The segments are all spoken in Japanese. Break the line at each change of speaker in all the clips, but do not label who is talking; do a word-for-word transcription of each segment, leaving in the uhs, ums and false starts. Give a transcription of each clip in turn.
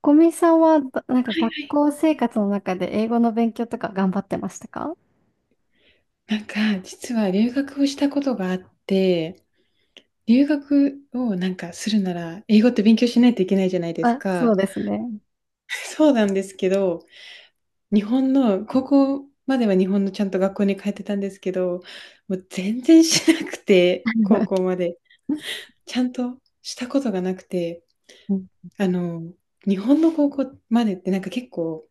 小見さんはど、なんか学校生活の中で英語の勉強とか頑張ってましたか？
なんか、実は留学をしたことがあって、留学をなんかするなら、英語って勉強しないといけないじゃないです
あ、そ
か。
うですね。
そうなんですけど、日本の、高校までは日本のちゃんと学校に通ってたんですけど、もう全然しなくて、高校 まで。ちゃんとしたことがなくて、
うん
あの、日本の高校までってなんか結構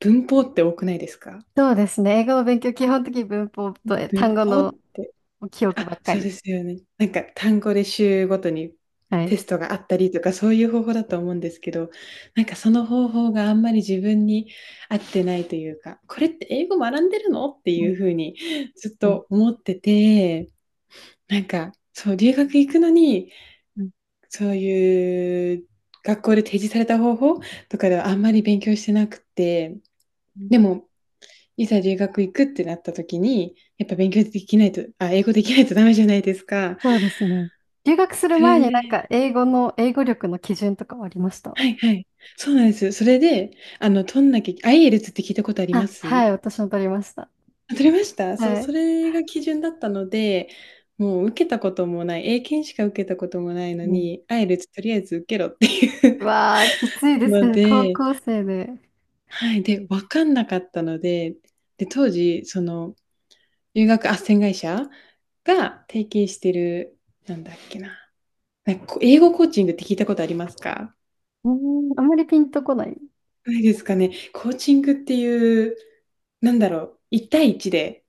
文法って多くないですか？
そうですね。英語の勉強、基本的に文法とえ単
文
語
法
の
って。
記憶
あ、
ばっか
そうで
り。
すよね。なんか単語で週ごとに
は
テ
い。
ストがあったりとかそういう方法だと思うんですけど、なんかその方法があんまり自分に合ってないというか、これって英語学んでるのって
うん
いうふうにずっ
うん
と思ってて、なんかそう留学行くのに
うん
そういう学校で提示された方法とかではあんまり勉強してなくて、
うん
でもいざ留学行くってなった時に、やっぱ勉強できないと、あ、英語できないとダメじゃないですか。
そうですね。留学する
それ
前になんか
で、
英語の、英語力の基準とかはありました？
はいはい。そうなんですよ。それで、あの、取んなきゃ、アイエルツ って聞いたことありま
あ、は
す？
い、私も取りました。
あ、取れました。そう、
はい。
それが基準だったので、もう受けたこともない、英検しか受けたこともないの
うん。
に、アイエルツ とりあえず受けろってい
う
う
わあ、きつい です
の
ね。高
で、
校生で。
はい。で、わかんなかったので、で、当時、その、留学斡旋会社が提携してる、なんだっけな。なんかこう英語コーチングって聞いたことありますか？
うーん、あんまりピンとこない。
ないですかね。コーチングっていう、なんだろう、いち対いちで、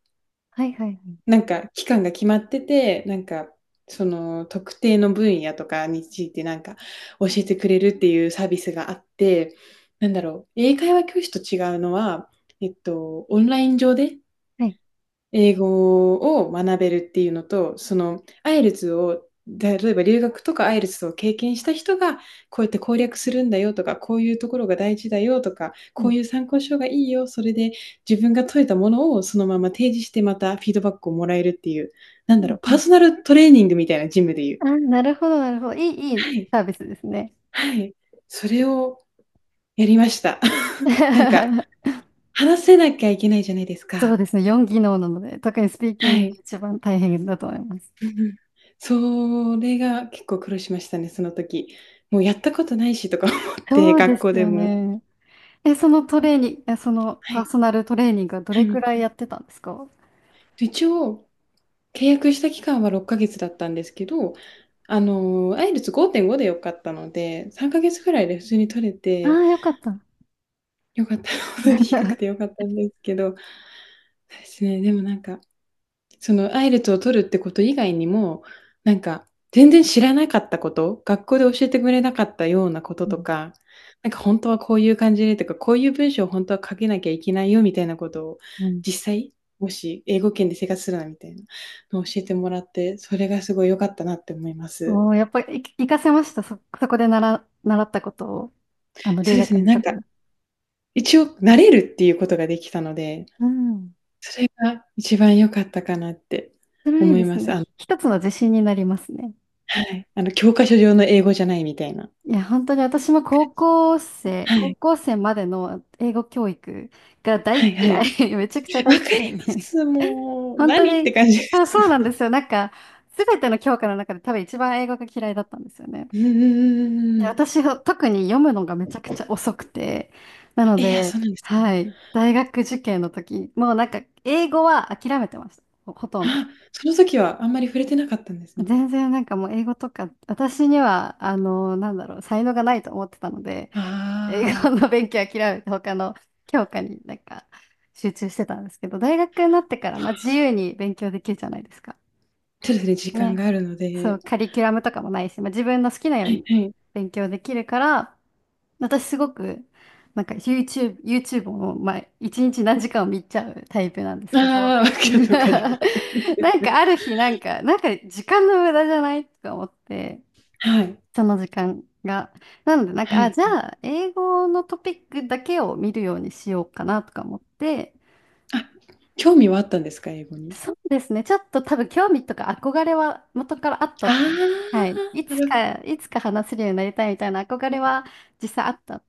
はいはい
なんか期間が決まってて、なんか、その特定の分野とかについてなんか教えてくれるっていうサービスがあって、なんだろう、英会話教師と違うのは、えっと、オンライン上で
はい。はい。
英語を学べるっていうのと、その、アイエルズを、例えば留学とかアイエルズを経験した人が、こうやって攻略するんだよとか、こういうところが大事だよとか、
う
こ
ん
ういう参考書がいいよ、それで自分が解いたものをそのまま提示してまたフィードバックをもらえるっていう、なん
う
だろう、パー
ん。
ソナルトレーニングみたいなジムでいう。
あ、なるほど、なるほど。いい、いい
はい、
サービスですね。
はい。それをやりました。なんか、話せなきゃいけないじゃないです
そう
か。
ですね。よんぎのう技能なので、特にスピーキン
は
グが
い。
一番大変だと思います。
うんうん。それが結構苦労しましたね、その時。もうやったことないしとか思って、
そうで
学
す
校で
よ
も。
ね。え、そのトレーニング、えその
は
パー
い、
ソナルトレーニングはど
は
れ
い。
くらいやってたんですか？
一応、契約した期間はろっかげつだったんですけど、あの、アイエルツごてんご で良かったので、さんかげつぐらいで普通に取れ
ああ
て、
ー、よかった。
良かった、ほ当に低くて良かったんですけど、そうですね、でもなんかそのアイルツを取るってこと以外にも、なんか全然知らなかったこと、学校で教えてくれなかったようなこと
う
と
ん。
か、なんか本当はこういう感じでとか、こういう文章を本当は書けなきゃいけないよみたいなことを
うん。
実際、もし英語圏で生活するなみたいなのを教えてもらって、それがすごい良かったなって思います。
おー、やっぱり、い活かせました。そ、そこで習、習ったことを、あの、
そ
留
うです
学
ね、
の
な
と
ん
こ
か
ろで。
一応慣れるっていうことができたので、
うん。
それが一番良かったかなって
辛い
思
で
い
す
ます。
ね。
あの
ひ一つの自信になりますね。
はい、あの教科書上の英語じゃないみたいな。
いや、本当に私も高校生、
は
高
い。
校生までの英語教育が大
はいは
嫌
い。
い。めちゃくちゃ
わか
大
り
嫌い
ま
で。
す。もう、
本当
何って
に、
感じで
あ、
す。
そうなんですよ。なんか、すべての教科の中で多分一番英語が嫌いだったんですよね。
うんうんうん
い
うんう
や
ん。
私は特に読むのがめちゃくちゃ遅くて、なの
え、いや、
で、
そうなんですか。
はい、大学受験の時、もうなんか、英語は諦めてました。ほ、ほとんど。
あ、その時はあんまり触れてなかったんですね。
全然なんかもう英語とか、私には、あの、なんだろう、才能がないと思ってたので、
あ
英語の勉強諦めて他の教科になんか集中してたんですけど、大学になってか
あ、
ら、
は
まあ、
あ、
自
そ
由
う。
に勉強できるじゃないですか。
そうですね、時間
ね。
があるの
そ
で。
う、カリキュラムとかもないし、まあ、自分の好きなよ
は
う
い
に
はい。
勉強できるから、私すごく、なんか YouTube、YouTube を、まあ、一日何時間も見ちゃうタイプなんですけど、
ああ、わ かるわかります。
なんかある日、なんか、なんか時間の無駄じゃないとか思って、
はい、
その時間が。なので、なん
は
か、あ、
い。
じゃあ、英語のトピックだけを見るようにしようかなとか思って、
あ、興味はあったんですか？英語に。
そうですね、ちょっと多分興味とか憧れは元からあった
あ
と思う。はい。い
あ、な
つ
る
か、いつか話せるようになりたいみたいな憧れは実際あった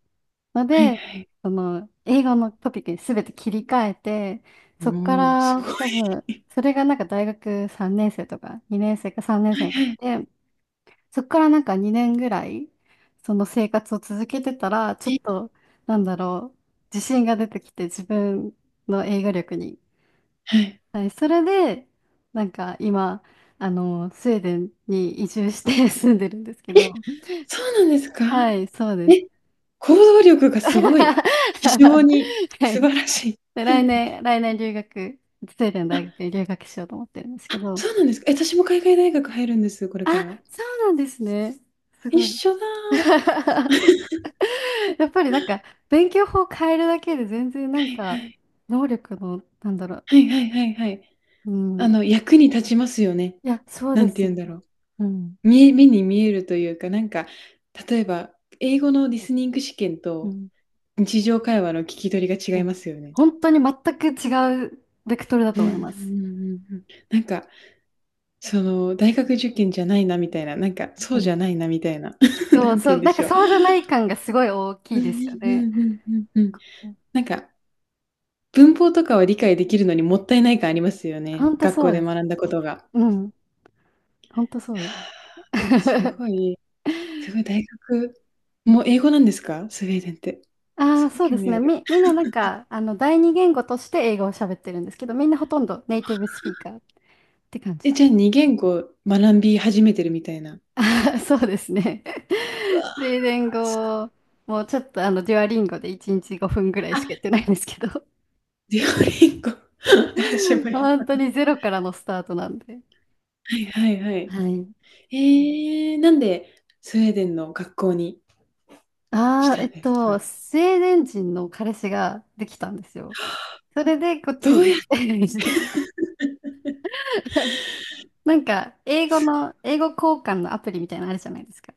の
はい
で、
はい。
その、英語のトピックに全て切り替えて、そっか
おお、すご
ら多分、
い。
それがなんか大学さんねん生とかにねん生かさんねん
は
生
い
の時
はい。
でそこからなんかにねんぐらい、その生活を続けてたら、ちょっ
え、
と、なんだろう、自信が出てきて、自分の英語力に。
はい。
はい、それで、なんか今、あの、スウェーデンに移住して 住んでるんですけど、
え、そうなんですか？
はい、そうです。
え、行動力が すごい。非常に
は
素
い。
晴らしい。
で、来年、来年留学、スウェーデン 大学
あ、
に留学しようと思ってるんですけ
あ、
ど、
そうなんですか。え、私も海外大学入るんです、これ
あ、
から。
そうなんですね。す
一
ごい。
緒だ。は
やっぱりなんか、勉強法を変えるだけで全然なん
い
か、
はい。
能力の、なんだろう。
はいはいはいはい。
う
あ
ん。
の、役に立ちますよね。
いや、そう
な
で
んて
す
言うん
ね。
だろう。
うん。
みえ目に見えるというか、なんか、例えば、英語のリスニング試験
う
と
ん。
日常会話の聞き取りが
う
違いま
ん。
すよね。
本当に全く違うベクトルだ
う
と思い
ん
ま
うんう
す。
んうんうん。なんか、その、大学受験じゃないなみたいな、なんか、そ
う
うじゃ
ん。
ないなみたいな、
そ
な
う
んて
そ
言うん
う。
で
なんか
しょう。
そうじゃない感がすごい大き
う
い
んう
ですよね。
んうんうんうんうん。なんか、文法とかは理解できるのにもったいない感ありますよね。
本当
学
そ
校
う
で
です。
学んだことが。
うん。本当そ
は
うです。
あ、す ごい、すごい大学も英語なんですか？スウェーデンって。
あ
す
あ、
ごい
そうで
興
す
味あ
ね。
る。
み、みんななんか、あの、第二言語として英語を喋ってるんですけど、みんなほとんどネイティブスピーカーって感じ。
え、じゃあにげんご学び始めてるみたいな。
そうですね。
うわ、
スイデン
す
語もちょっとあのデュアリンゴでいちにちごふんぐらいしかやってないんですけど
デュオリンゴ、私 もやっ
本
た
当
こと。
にゼロからのスタートなんで。
はいはいは
は
い。
い。
えーなんでスウェーデンの学校にし
ああ、え
たん
っ
ですか？
と、スウェーデン人の彼氏ができたんですよ。それでこっち
どう
に
や
移住。 なんか、英語の、英語交換のアプリみたいなのあるじゃないですか。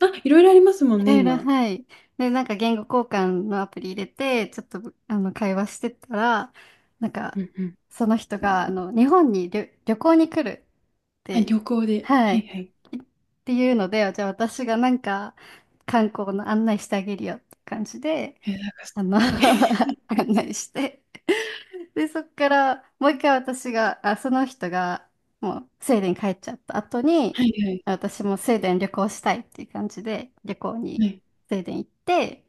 あ、いろいろありますも
い
んね、
ろいろ、
今。
はい。で、なんか言語交換のアプリ入れて、ちょっと、あの、会話してたら、なんか、
うんうん。
その人が、あの、日本に旅、旅行に来るっ
あ、
て、
旅行で。
は
はい
い。
はい。
いっていうので、じゃあ私がなんか、観光の案内してあげるよって感じで、
え、なんかす
あの
ごい。
案内して、で、そっから、もう一回私が、あ、その人が、もう、スウェーデン帰っちゃった後
は
に、
いはい。
私もスウェーデン旅行したいっていう感じで、旅行
は
に
い、
スウェーデン行って、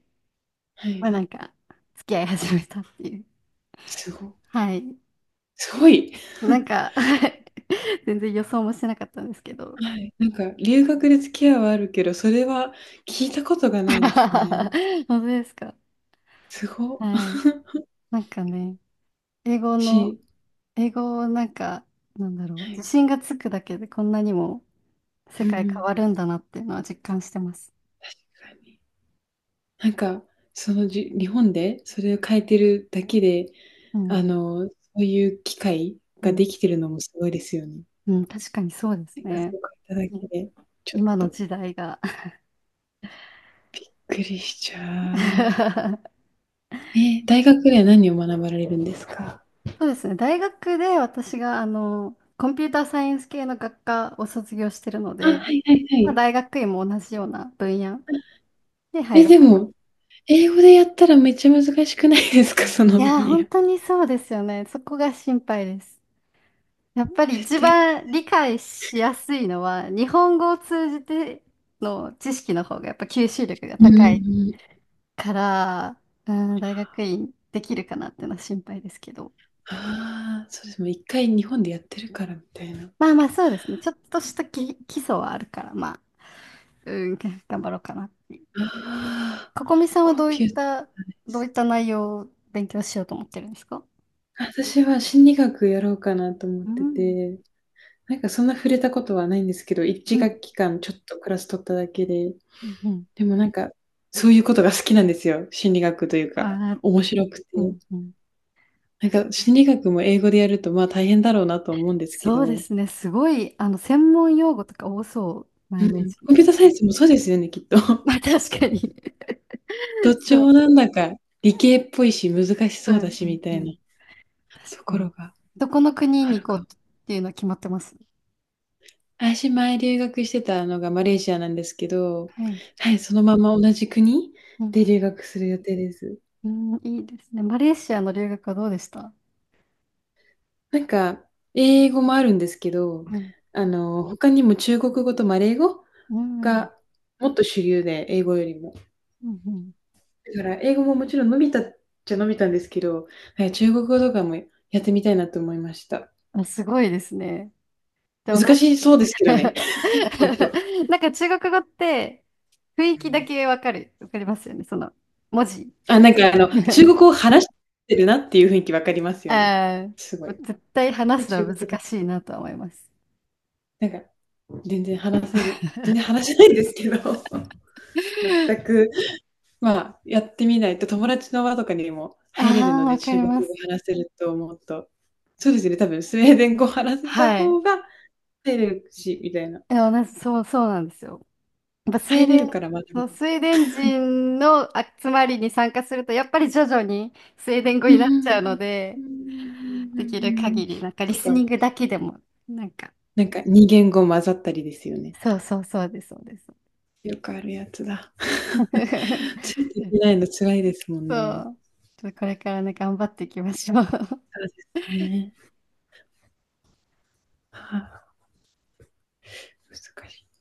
は
まあ
い。
なんか、付き合い始めたっていう。
すご
はい。
すごい。
なん か 全然予想もしてなかったんですけど。
はい、なんか留学で付き合いはあるけど、それは聞いたことがないですね。
本当ですか？
すご。
はい。なんかね、英語の、
し
英語をなんか、なんだろう、
は
自
い。
信がつくだけでこんなにも世
うんう
界変
ん。
わるんだなっていうのは実感してます。
確かに。なんか、その、じ日本でそれを変えてるだけで、
うん。
あの、そういう機会
う
が
ん
できてるのもすごいですよね。
うん、確かにそうです
生活
ね。
を変えた
う
だけ
ん。
で、ちょっ
今の
と
時代が
びっくりしちゃう。えー、大学では何を学ばれるんですか？
そうですね。大学で私が、あの、コンピューターサイエンス系の学科を卒業してるの
あ、
で、
はいはいは
まあ、
い。
大学院も同じような分野で入
え、
ろう
で
かな。
も、英語でやったらめっちゃ難しくないですか？ その
い
分
やー、
野。
本当にそうですよね。そこが心配です。やっぱり
絶
一
対。
番理解しやすいのは、日本語を通じての知識の方がやっぱ吸収力が
うんうんう
高い
ん。
から、うん、大学院できるかなっていうのは心配ですけど。
ああ、そうです。もう一回日本でやってるからみたいな。
まあまあそうですね。ちょっとしたき基礎はあるから、まあ、うん、頑張ろうかな。
ああ、
ここみさんは
コン
どうい
ピ
っ
ュータ
た、
ーね。
どういった内容を勉強しようと思ってるんですか？
私は心理学やろうかなと思っ
う
て
ん。
て、なんかそんな触れたことはないんですけど、
う
一学
ん。
期間ちょっとクラス取っただけで、
うんうん。
でもなんか、そういうことが好きなんですよ。心理学というか、
あー、
面白くて。
うんうん。
なんか心理学も英語でやると、まあ、大変だろうなと思うんですけ
そうで
ど、
すね。すごい、あの、専門用語とか多そうな
う
イメー
ん。
ジ。
コンピューターサイエンスもそうですよね、きっと。
まあ、確かに。
どっ
そ
ち
う。
もなんだか理系っぽいし、難し
う
そうだ
ん、う
し
ん、
みた
う
いな
ん。確
と
か
ころ
に。
が
どこの国
あ
に
る
行
か
こう
も。
っていうのは決まってます？
私、前留学してたのがマレーシアなんですけど、
はい。
はい、そのまま同じ国
うん、
で留学する予定です。
うん、いいですね。マレーシアの留学はどうでした？
なんか、英語もあるんですけど、
うん。
あの、他にも中国語とマレー語
うん。
がもっと主流で、英語よりも。
うんうん。
だから英語ももちろん伸びたっちゃ伸びたんですけど、はい、中国語とかもやってみたいなと思いました。
あ、すごいですね。でもな
難しそうですけど
ん
ね。
か
本当。
なんか中国語って雰囲気だけわかる。わかりますよね。その文字。
あ、なんかあの、中 国語を話してるなっていう雰囲気わかりますよね。
あ
すご
ー、
い。
絶対
こ
話
れ
す
中
のは
国語だ。
難しいなとは思います。
なんか全然話せる。全然話せないんですけど、全 く、まあ、やってみないと友達の輪とかにも入れる
あ
の
あ、
で、
わか
中
り
国
ま
語
す。
話せると思うと、そうですね、多分スウェーデン語話せた
はい。
方が入れるし、みたいな。
でもなそう、そうなんですよ。やっぱスウェ
入
ー
れ
デン、
るから学び
そう、スウェーデン人の集まりに参加すると、やっぱり徐々にスウェーデン語
うん
になっち
う
ゃうの
んうん
で、
うん
できる
うんうん
限り、なんかリ
と
ス
か、
ニングだけでも、なんか、
なんかに言語混ざったりですよね。
そうそうそうです、そうです。
よくあるやつだ。ついてい けないの辛いですもん
そ
ね。
う。ちょっとこれからね、頑張っていきましょう。
そうですね。はあ、難しい。